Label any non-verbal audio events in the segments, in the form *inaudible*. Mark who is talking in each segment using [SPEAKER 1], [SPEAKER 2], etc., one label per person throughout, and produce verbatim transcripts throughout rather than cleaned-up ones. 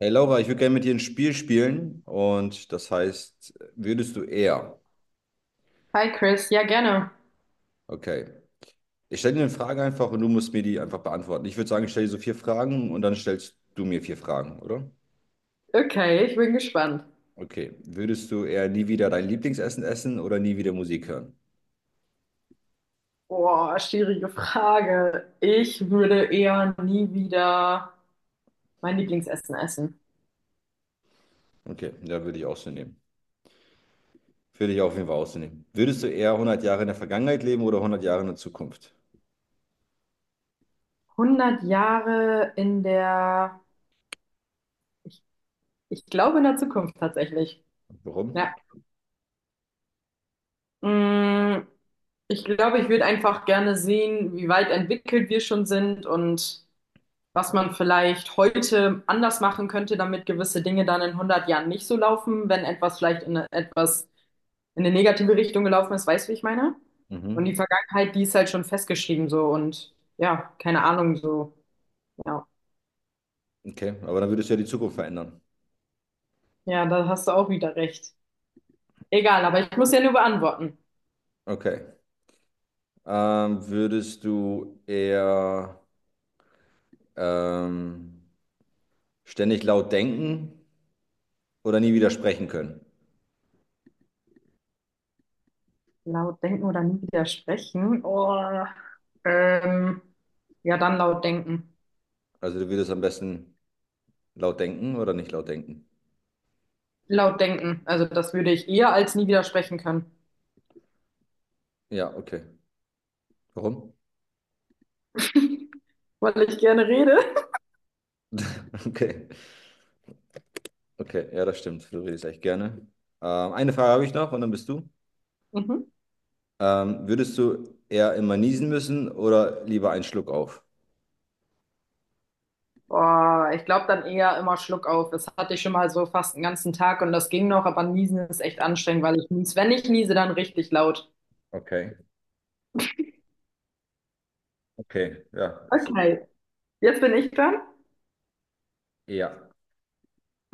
[SPEAKER 1] Hey Laura, ich würde gerne mit dir ein Spiel spielen und das heißt, würdest du eher?
[SPEAKER 2] Hi Chris, ja gerne.
[SPEAKER 1] Okay. Ich stelle dir eine Frage einfach und du musst mir die einfach beantworten. Ich würde sagen, ich stelle dir so vier Fragen und dann stellst du mir vier Fragen, oder?
[SPEAKER 2] Okay, ich bin gespannt.
[SPEAKER 1] Okay. Würdest du eher nie wieder dein Lieblingsessen essen oder nie wieder Musik hören?
[SPEAKER 2] Boah, schwierige Frage. Ich würde eher nie wieder mein Lieblingsessen essen.
[SPEAKER 1] Okay, ja, würde ich auch so nehmen. Würde ich auf jeden Fall auch so nehmen. Würdest du eher hundert Jahre in der Vergangenheit leben oder hundert Jahre in der Zukunft?
[SPEAKER 2] hundert Jahre in der, ich, ich glaube in der Zukunft tatsächlich. Ja.
[SPEAKER 1] Warum?
[SPEAKER 2] Mm, ich glaube, ich würde einfach gerne sehen, wie weit entwickelt wir schon sind und was man vielleicht heute anders machen könnte, damit gewisse Dinge dann in hundert Jahren nicht so laufen, wenn etwas vielleicht in etwas in eine negative Richtung gelaufen ist, weißt du, wie ich meine? Und die
[SPEAKER 1] Mhm.
[SPEAKER 2] Vergangenheit, die ist halt schon festgeschrieben so und ja, keine Ahnung so. Ja,
[SPEAKER 1] Okay, aber dann würdest du ja die Zukunft verändern.
[SPEAKER 2] ja, da hast du auch wieder recht. Egal, aber ich muss ja nur beantworten.
[SPEAKER 1] Okay. Ähm, würdest du eher Ähm, ständig laut denken oder nie wieder sprechen können.
[SPEAKER 2] Laut denken oder nie wieder sprechen? Oh, ähm, ja, dann laut denken.
[SPEAKER 1] Also du würdest am besten laut denken oder nicht laut denken.
[SPEAKER 2] Laut denken. Also das würde ich eher als nie wieder sprechen können,
[SPEAKER 1] Ja, okay. Warum? *laughs*
[SPEAKER 2] weil ich gerne rede.
[SPEAKER 1] Okay, okay, ja, das stimmt. Du redest echt gerne. Ähm, eine Frage habe ich noch und dann bist du.
[SPEAKER 2] Mhm.
[SPEAKER 1] Ähm, würdest du eher immer niesen müssen oder lieber einen Schluck auf?
[SPEAKER 2] Boah, ich glaube dann eher immer Schluck auf. Das hatte ich schon mal so fast einen ganzen Tag und das ging noch, aber Niesen ist echt anstrengend, weil ich nies. Wenn ich niese, dann richtig laut.
[SPEAKER 1] Okay, okay, ja, es ist
[SPEAKER 2] Okay, jetzt bin ich dran.
[SPEAKER 1] eher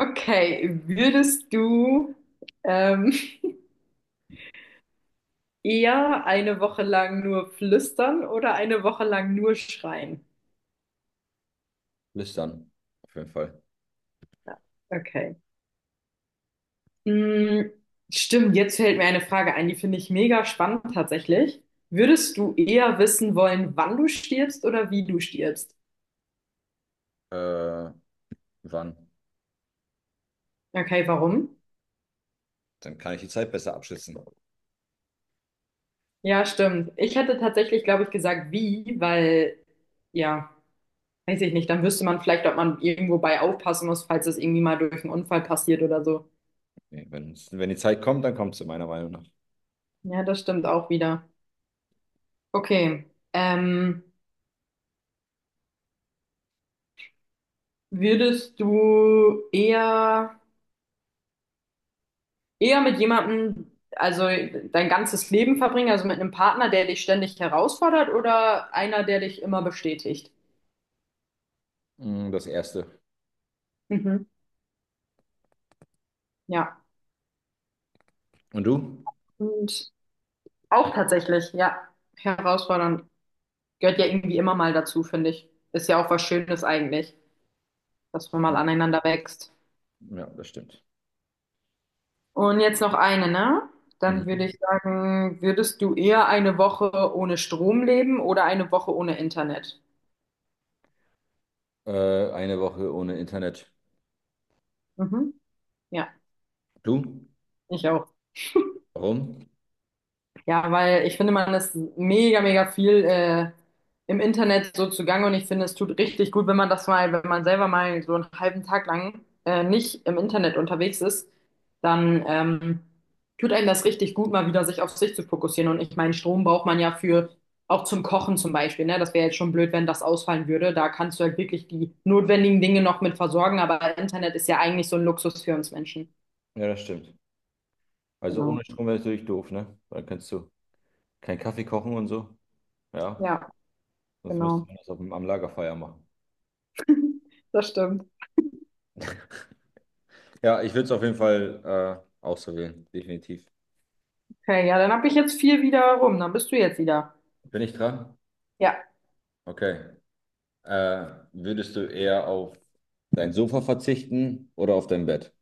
[SPEAKER 2] Okay, würdest du ähm, *laughs* eher eine Woche lang nur flüstern oder eine Woche lang nur schreien?
[SPEAKER 1] lüstern, auf jeden Fall.
[SPEAKER 2] Ja, okay. Hm, stimmt, jetzt fällt mir eine Frage ein, die finde ich mega spannend tatsächlich. Würdest du eher wissen wollen, wann du stirbst oder wie du stirbst?
[SPEAKER 1] Äh, wann?
[SPEAKER 2] Okay, warum?
[SPEAKER 1] Dann kann ich die Zeit besser abschätzen.
[SPEAKER 2] Ja, stimmt. Ich hätte tatsächlich, glaube ich, gesagt, wie, weil, ja, weiß ich nicht, dann wüsste man vielleicht, ob man irgendwo bei aufpassen muss, falls es irgendwie mal durch einen Unfall passiert oder so.
[SPEAKER 1] Nee, wenn, wenn die Zeit kommt, dann kommt sie meiner Meinung nach.
[SPEAKER 2] Ja, das stimmt auch wieder. Okay. Ähm, würdest du eher, eher mit jemandem, also dein ganzes Leben verbringen, also mit einem Partner, der dich ständig herausfordert oder einer, der dich immer bestätigt?
[SPEAKER 1] Mm, Das erste.
[SPEAKER 2] Mhm. Ja.
[SPEAKER 1] Und du?
[SPEAKER 2] Und auch tatsächlich, ja, herausfordernd. Gehört ja irgendwie immer mal dazu, finde ich. Ist ja auch was Schönes eigentlich, dass man mal aneinander wächst.
[SPEAKER 1] Ja, das stimmt.
[SPEAKER 2] Und jetzt noch eine, ne? Dann würde
[SPEAKER 1] Mhm.
[SPEAKER 2] ich sagen, würdest du eher eine Woche ohne Strom leben oder eine Woche ohne Internet?
[SPEAKER 1] Äh, eine Woche ohne Internet.
[SPEAKER 2] Mhm. Ja,
[SPEAKER 1] Du?
[SPEAKER 2] ich auch.
[SPEAKER 1] Warum?
[SPEAKER 2] Ja, weil ich finde, man ist mega, mega viel äh, im Internet so zugange und ich finde, es tut richtig gut, wenn man das mal, wenn man selber mal so einen halben Tag lang äh, nicht im Internet unterwegs ist, dann ähm, tut einem das richtig gut, mal wieder sich auf sich zu fokussieren. Und ich meine, Strom braucht man ja für auch zum Kochen zum Beispiel, ne? Das wäre jetzt schon blöd, wenn das ausfallen würde. Da kannst du halt wirklich die notwendigen Dinge noch mit versorgen, aber Internet ist ja eigentlich so ein Luxus für uns Menschen.
[SPEAKER 1] Ja, das stimmt. Also
[SPEAKER 2] Genau.
[SPEAKER 1] ohne Strom wäre natürlich doof, ne? Dann kannst du keinen Kaffee kochen und so. Ja,
[SPEAKER 2] Ja,
[SPEAKER 1] sonst müsste
[SPEAKER 2] genau.
[SPEAKER 1] man das auf, dem- am Lagerfeuer machen.
[SPEAKER 2] Das stimmt.
[SPEAKER 1] Ja, ich würde es auf jeden Fall äh, auch so wählen, definitiv.
[SPEAKER 2] Okay, ja, dann habe ich jetzt vier wieder rum. Dann bist du jetzt wieder.
[SPEAKER 1] Bin ich dran?
[SPEAKER 2] Ja,
[SPEAKER 1] Okay. Äh, würdest du eher auf dein Sofa verzichten oder auf dein Bett?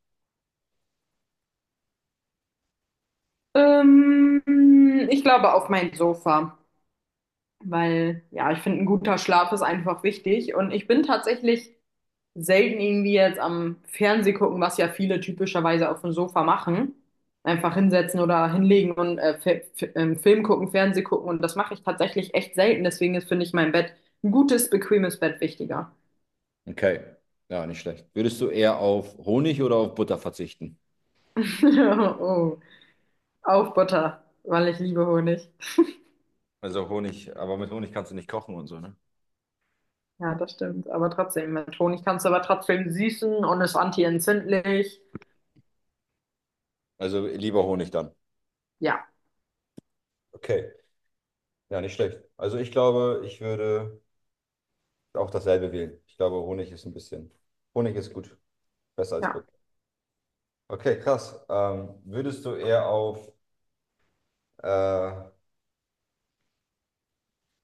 [SPEAKER 2] ähm, ich glaube auf mein Sofa, weil ja, ich finde, ein guter Schlaf ist einfach wichtig und ich bin tatsächlich selten irgendwie jetzt am Fernseh gucken, was ja viele typischerweise auf dem Sofa machen. Einfach hinsetzen oder hinlegen und äh, Fi- Fi- ähm, Film gucken, Fernseh gucken und das mache ich tatsächlich echt selten. Deswegen ist, finde ich, mein Bett ein gutes, bequemes Bett wichtiger.
[SPEAKER 1] Okay. Ja, nicht schlecht. Würdest du eher auf Honig oder auf Butter verzichten?
[SPEAKER 2] *laughs* Oh, auf Butter, weil ich liebe Honig.
[SPEAKER 1] Also Honig, aber mit Honig kannst du nicht kochen und so, ne?
[SPEAKER 2] Ja, das stimmt. Aber trotzdem, mit Honig kannst du aber trotzdem süßen und ist anti entzündlich.
[SPEAKER 1] Also lieber Honig dann.
[SPEAKER 2] Ja,
[SPEAKER 1] Okay, ja, nicht schlecht. Also ich glaube, ich würde auch dasselbe wählen. Ich glaube, Honig ist ein bisschen, Honig ist gut, besser als
[SPEAKER 2] ja.
[SPEAKER 1] Butter. Okay, krass. Ähm, würdest du eher auf äh,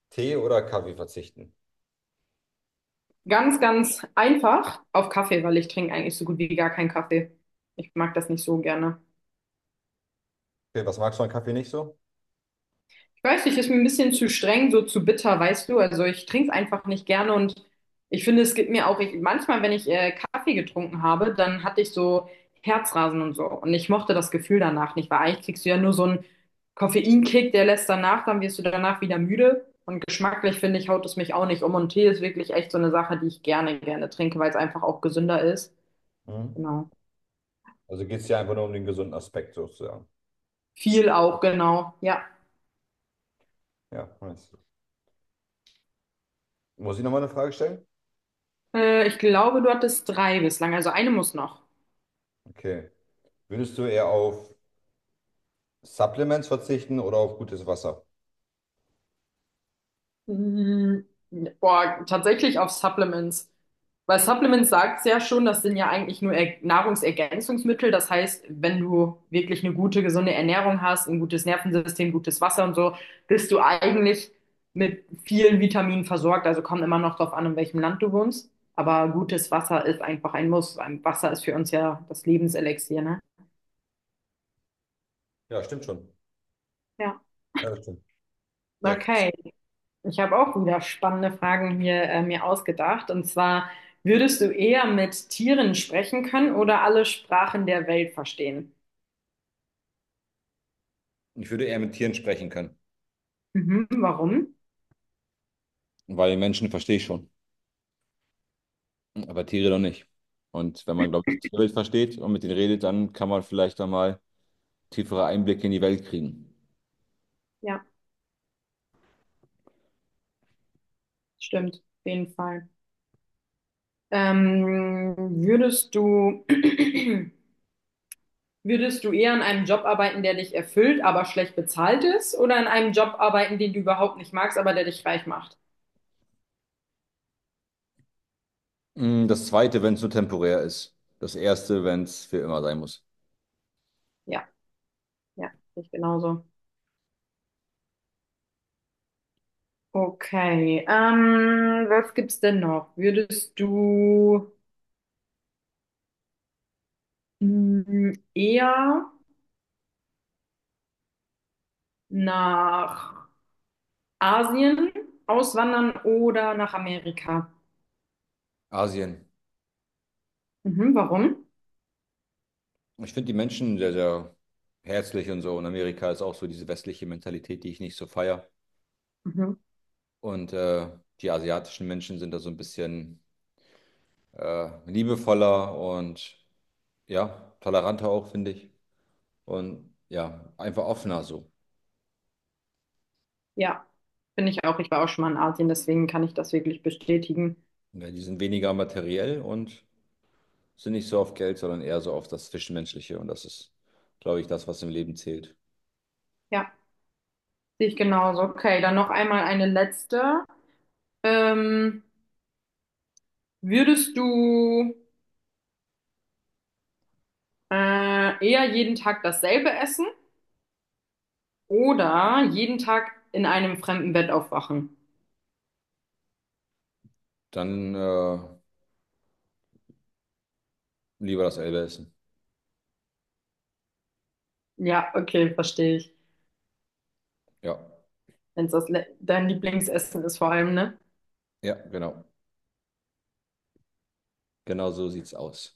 [SPEAKER 1] Tee oder Kaffee verzichten?
[SPEAKER 2] Ganz, ganz einfach auf Kaffee, weil ich trinke eigentlich so gut wie gar keinen Kaffee. Ich mag das nicht so gerne.
[SPEAKER 1] Okay, was magst du an Kaffee nicht so?
[SPEAKER 2] Ich weiß nicht, ist mir ein bisschen zu streng, so zu bitter, weißt du? Also ich trinke es einfach nicht gerne und ich finde, es gibt mir auch, ich, manchmal, wenn ich äh, Kaffee getrunken habe, dann hatte ich so Herzrasen und so. Und ich mochte das Gefühl danach nicht, weil eigentlich kriegst du ja nur so einen Koffeinkick, der lässt danach, dann wirst du danach wieder müde. Und geschmacklich finde ich, haut es mich auch nicht um. Und Tee ist wirklich echt so eine Sache, die ich gerne, gerne trinke, weil es einfach auch gesünder ist.
[SPEAKER 1] Mhm.
[SPEAKER 2] Genau.
[SPEAKER 1] Also geht es dir einfach nur um den gesunden Aspekt sozusagen.
[SPEAKER 2] Viel auch, genau. Ja.
[SPEAKER 1] Ja, nice. Muss ich nochmal eine Frage stellen?
[SPEAKER 2] Äh, ich glaube, du hattest drei bislang, also eine muss noch.
[SPEAKER 1] Okay. Würdest du eher auf Supplements verzichten oder auf gutes Wasser?
[SPEAKER 2] Mm, boah, tatsächlich auf Supplements. Weil Supplements sagt ja schon, das sind ja eigentlich nur Er Nahrungsergänzungsmittel. Das heißt, wenn du wirklich eine gute, gesunde Ernährung hast, ein gutes Nervensystem, gutes Wasser und so, bist du eigentlich mit vielen Vitaminen versorgt. Also kommt immer noch drauf an, in welchem Land du wohnst. Aber gutes Wasser ist einfach ein Muss. Ein Wasser ist für uns ja das Lebenselixier, ne?
[SPEAKER 1] Ja, stimmt schon.
[SPEAKER 2] Ja.
[SPEAKER 1] Ja, das stimmt. Ja, krass.
[SPEAKER 2] Okay. Ich habe auch wieder spannende Fragen hier äh, mir ausgedacht. Und zwar, würdest du eher mit Tieren sprechen können oder alle Sprachen der Welt verstehen?
[SPEAKER 1] Ich würde eher mit Tieren sprechen können,
[SPEAKER 2] Mhm, warum?
[SPEAKER 1] weil Menschen verstehe ich schon, aber Tiere doch nicht. Und wenn man, glaube ich, die Tierwelt versteht und mit denen redet, dann kann man vielleicht einmal tiefere Einblicke in die Welt kriegen.
[SPEAKER 2] Ja, stimmt, auf jeden Fall. Ähm, würdest du, *clears throat* würdest du eher in einem Job arbeiten, der dich erfüllt, aber schlecht bezahlt ist, oder in einem Job arbeiten, den du überhaupt nicht magst, aber der dich reich macht?
[SPEAKER 1] Mm, Das Zweite, wenn es nur temporär ist. Das Erste, wenn es für immer sein muss.
[SPEAKER 2] Ja, ja, sehe ich genauso. Okay, ähm, was gibt's denn noch? Würdest du, mm, eher nach Asien auswandern oder nach Amerika.
[SPEAKER 1] Asien.
[SPEAKER 2] Mhm, warum?
[SPEAKER 1] Ich finde die Menschen sehr, sehr herzlich und so. Und Amerika ist auch so diese westliche Mentalität, die ich nicht so feiere.
[SPEAKER 2] Mhm.
[SPEAKER 1] Und äh, die asiatischen Menschen sind da so ein bisschen äh, liebevoller und ja, toleranter auch, finde ich. Und ja, einfach offener so.
[SPEAKER 2] Ja, finde ich auch. Ich war auch schon mal in Asien, deswegen kann ich das wirklich bestätigen.
[SPEAKER 1] Ja, die sind weniger materiell und sind nicht so auf Geld, sondern eher so auf das Zwischenmenschliche und das ist, glaube ich, das, was im Leben zählt.
[SPEAKER 2] Ja, sehe ich genauso. Okay, dann noch einmal eine letzte. Ähm, würdest du äh, eher jeden Tag dasselbe essen oder jeden Tag in einem fremden Bett aufwachen?
[SPEAKER 1] Dann äh, lieber das Elbe essen.
[SPEAKER 2] Ja, okay, verstehe ich.
[SPEAKER 1] Ja,
[SPEAKER 2] Wenn es das Le- dein Lieblingsessen ist vor allem, ne?
[SPEAKER 1] ja, genau. Genau so sieht's aus.